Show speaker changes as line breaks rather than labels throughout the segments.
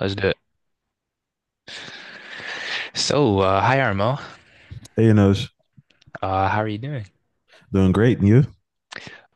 Let's do it. So, hi Armo.
Hey, Anosh.
How are you doing?
Doing great. And you?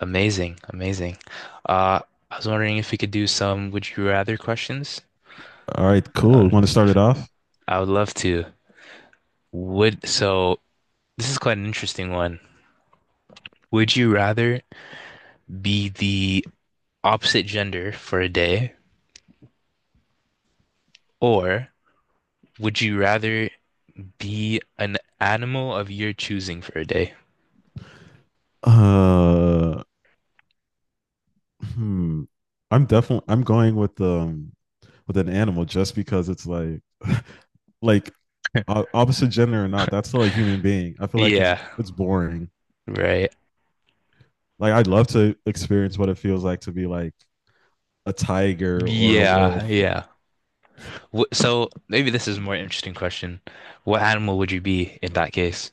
Amazing, amazing. Uh, I was wondering if we could do some would you rather questions.
All right,
Uh,
cool. Want to start it off?
I would love to. Would so this is quite an interesting one. Would you rather be the opposite gender for a day, or would you rather be an animal of your choosing for a day?
Uh, hmm. I'm definitely I'm going with an animal just because it's like like opposite gender or not, that's still a human being. I feel like it's
Yeah,
it's boring.
right.
Like I'd love to experience what it feels like to be like a tiger or a
Yeah,
wolf.
yeah. So maybe this is a more interesting question. What animal would you be in that case,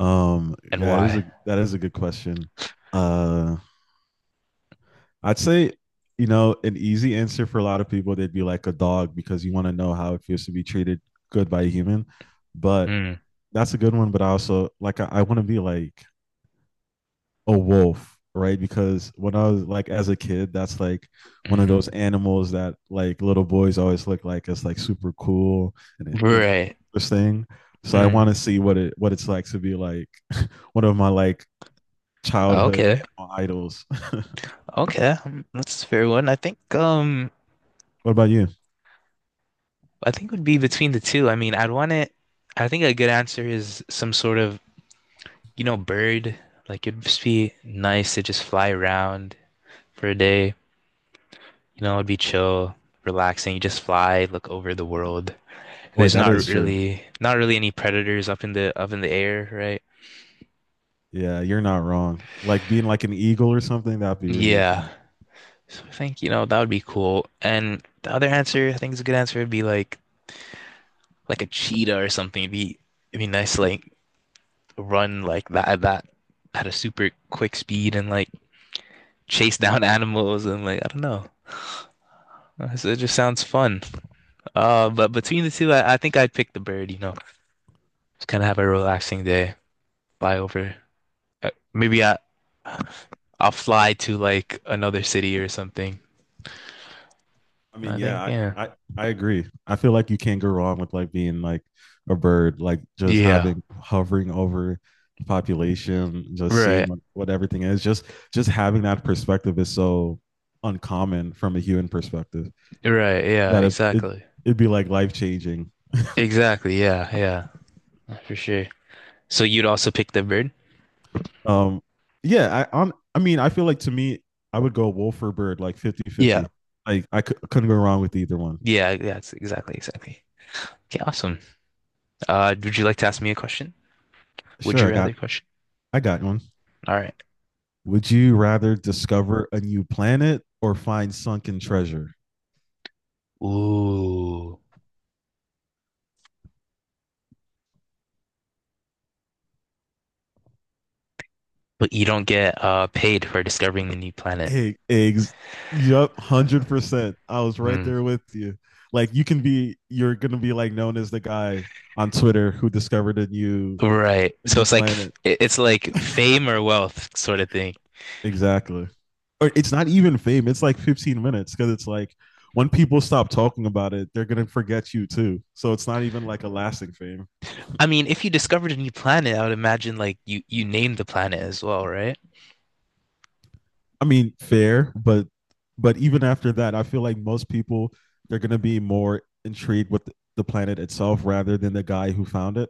and
Yeah, it is
why?
a that is a good question. Uh, I'd say, you know, an easy answer for a lot of people, they'd be like a dog because you want to know how it feels to be treated good by a human. But
Hmm.
that's a good one. But I also like, I want to be like a wolf, right? Because when I was like, as a kid, that's like one of
Hmm.
those animals that like little boys always look like it's like super cool and like
Right.
this thing. So I
Hmm.
want to see what it's like to be like one of my like childhood
Okay.
animal idols.
Okay. That's a fair one.
What about you?
I think it would be between the two. I mean, I'd want it I think a good answer is some sort of, bird. Like it'd just be nice to just fly around for a day. It'd be chill, relaxing. You just fly, look over the world.
Oh, wait,
There's
that is
not
true.
really not really any predators up in the air, right?
Yeah, you're not wrong. Like being like an eagle or something, that'd be really
Yeah.
fun.
So I think, that would be cool. And the other answer, I think is a good answer would be like a cheetah or something. It'd be nice to like run like that at a super quick speed and like chase down animals and like I don't know. It just sounds fun. But between the two, I think I'd pick the bird. Just kind of have a relaxing day, fly over. Maybe I'll fly to like another city or something.
I mean,
I think,
yeah,
yeah.
I, I, I agree. I feel like you can't go wrong with like being like a bird, like just
Yeah.
having hovering over the population, just
Right.
seeing what everything is. Just having that perspective is so uncommon from a human perspective
Right, yeah,
that
exactly.
it'd be like life changing.
Exactly, yeah, yeah, for sure. So you'd also pick the bird?
Um yeah, I mean, I feel like to me I would go wolf or bird like
Yeah.
50-50. Like I couldn't go wrong with either one.
Yeah, that's exactly, exactly. Okay, awesome. Would you like to ask me a question? Would
Sure,
you rather question?
I got one.
All right.
Would you rather discover a new planet or find sunken treasure?
Ooh. But you don't get paid for discovering the new planet.
Hey eggs. Yup, 100%. I was right
Hmm.
there with you. Like you can be, you're gonna be like known as the guy on Twitter who discovered
Right.
a
So
new
it's like f-
planet.
it- it's like fame or wealth sort of thing.
Exactly. Or it's not even fame. It's like 15 minutes because it's like when people stop talking about it, they're gonna forget you too. So it's not even like a lasting fame.
I mean, if you discovered a new planet, I would imagine like you named the planet as well, right?
I mean, fair, but even after that, I feel like most people they're gonna be more intrigued with the planet itself rather than the guy who found it.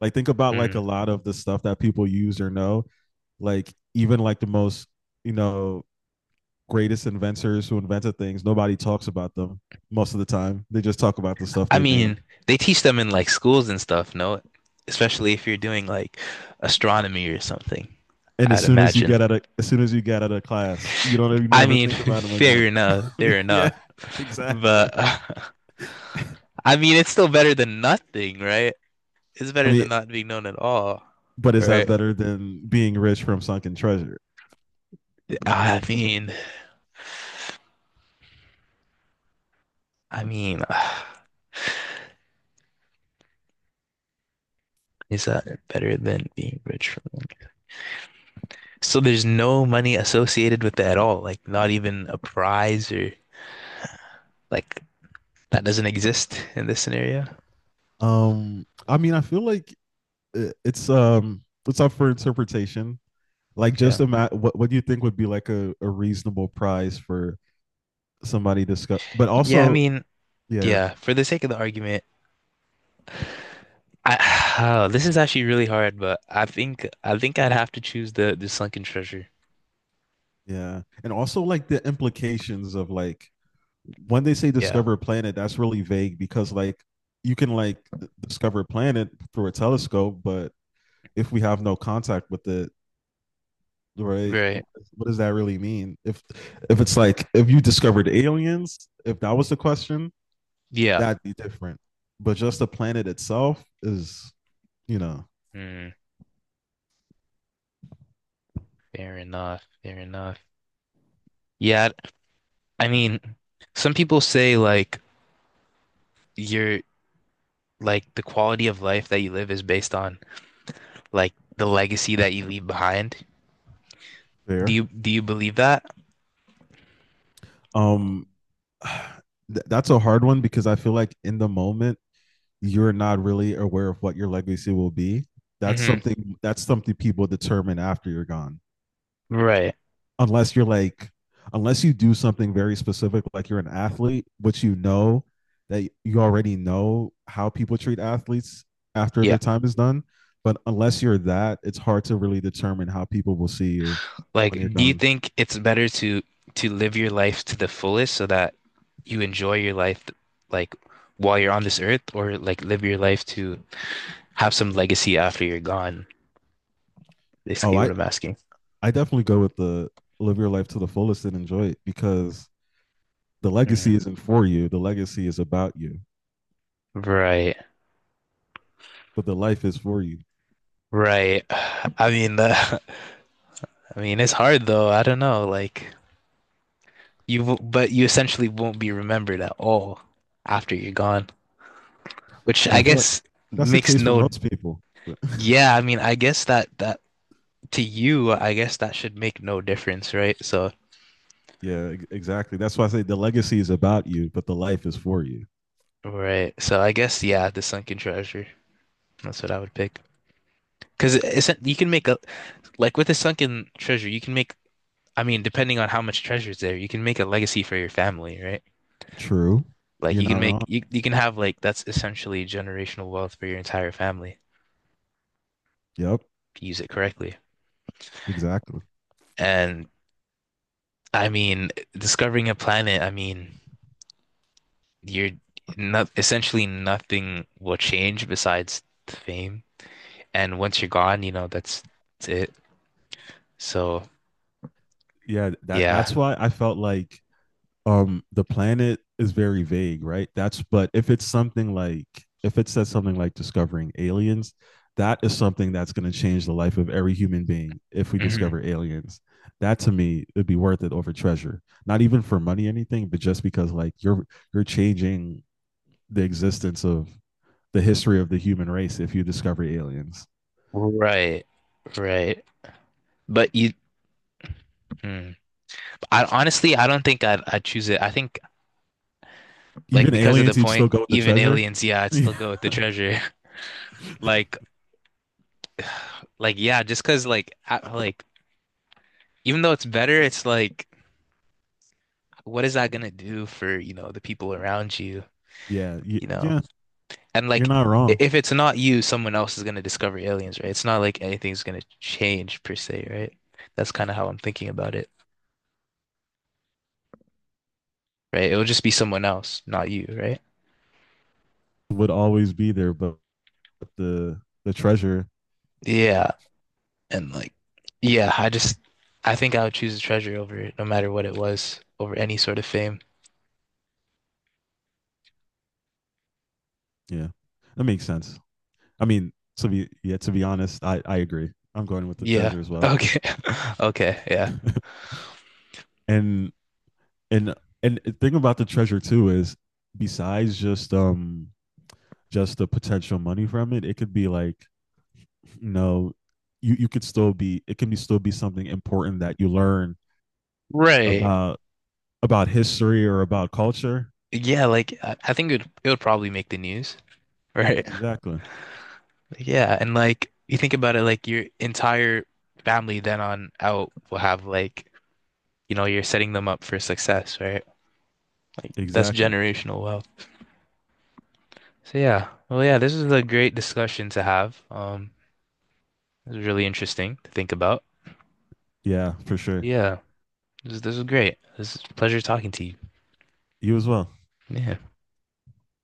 Like think about like
Hmm.
a lot of the stuff that people use or know. Like even like the most you know greatest inventors who invented things, nobody talks about them most of the time. They just talk about the stuff
I
they made.
mean, they teach them in like schools and stuff, no? Especially if you're doing like astronomy or something,
And
I'd imagine.
as soon as you get out of class, you
I
never
mean,
think about them
fair
again.
enough,
I mean,
fair
yeah,
enough.
exactly.
But
I
I mean, it's still better than nothing, right? It's better
mean,
than not being known at all.
but
How
is
right?
that better
Better?
than being rich from sunken treasure?
Than I nothing? Mean, I mean, is that better than being rich for one? So there's no money associated with that at all, like not even a prize or like that doesn't exist in this scenario.
I mean, I feel like it's up for interpretation. Like, just
Okay.
imagine what do you think would be like a reasonable prize for somebody to discover? But
Yeah, I
also,
mean,
yeah,
yeah, for the sake of the argument, I this is actually really hard, but I think I'd have to choose the sunken treasure.
yeah. And also like the implications of like when they say
Yeah.
discover a planet, that's really vague because like you can like discover a planet through a telescope, but if we have no contact with it, right?
Right.
What does that really mean? If it's like if you discovered aliens, if that was the question,
Yeah.
that'd be different. But just the planet itself is, you know,
Mm, Fair enough. Fair enough. Yeah, I mean, some people say like your like the quality of life that you live is based on like the legacy that you leave behind. Do
fair.
you do you believe that?
Um, that's a hard one because I feel like in the moment you're not really aware of what your legacy will be. That's
Hmm.
something that's something people determine after you're gone.
Right.
Unless you're like unless you do something very specific like you're an athlete, which you know that you already know how people treat athletes after
Yeah.
their time is done, but unless you're that, it's hard to really determine how people will see you
Like,
when you're
do you
gone.
think it's better to live your life to the fullest so that you enjoy your life like while you're on this earth, or like live your life to have some legacy after you're gone?
Oh,
Basically, what
i
I'm asking.
i definitely go with the live your life to the fullest and enjoy it, because the
Mhm.
legacy isn't for you, the legacy is about you,
Right,
but the life is for you.
right. I mean, the I mean, it's hard though. I don't know. Like but you essentially won't be remembered at all after you're gone, which
I
I
mean, I feel like
guess
that's the
makes
case for
no.
most people.
Yeah, I mean, I guess that to you, I guess that should make no difference, right? So,
Yeah, exactly. That's why I say the legacy is about you, but the life is for you.
right. So I guess yeah, the sunken treasure. That's what I would pick. Because isn't you can make a like with the sunken treasure, you can make. I mean, depending on how much treasure is there, you can make a legacy for your family, right?
True.
Like
You're not wrong.
you can have like that's essentially generational wealth for your entire family
Yep.
if you use it correctly.
Exactly.
And I mean, discovering a planet, I mean, you're not essentially nothing will change besides fame. And once you're gone, that's it. So
Yeah, that
yeah.
that's why I felt like the planet is very vague, right? That's but if it's something like if it says something like discovering aliens, that is something that's going to change the life of every human being if we
Hmm.
discover aliens. That to me would be worth it over treasure. Not even for money anything, but just because like you're changing the existence of the history of the human race if you discover aliens.
Right. Right. But you, mm. I honestly, I don't think I'd choose it. I think like
Even
because of the
aliens, you'd
point,
still go with the
even
treasure.
aliens, yeah, I'd still
Yeah,
go with the treasure. Like, like yeah, just because like like even though it's better, it's like what is that gonna do for the people around you? You know,
yeah,
And
you're
like,
not wrong.
if it's not you, someone else is gonna discover aliens, right? It's not like anything's gonna change per se, right? That's kind of how I'm thinking about it, right? It'll just be someone else, not you, right?
Would always be there, but the treasure,
Yeah, and like, yeah, I think I would choose a treasure over it, no matter what it was, over any sort of fame.
yeah, that makes sense. I mean, to be honest, I agree. I'm going with the
Yeah.
treasure as well.
Okay. Okay. Yeah.
And and the thing about the treasure too is besides just the potential money from it, it could be like you know, you could still be it can be still be something important that you learn
Right.
about history or about culture.
Yeah. Like, I think it would probably make the news. Right.
Exactly.
Yeah. And like, you think about it, like your entire family then on out will have like you're setting them up for success, right? Like that's
Exactly.
generational wealth. So yeah, well, yeah, this is a great discussion to have. This is really interesting to think about.
Yeah, for sure.
Yeah, this is great. This is a pleasure talking to you.
You as well.
Yeah.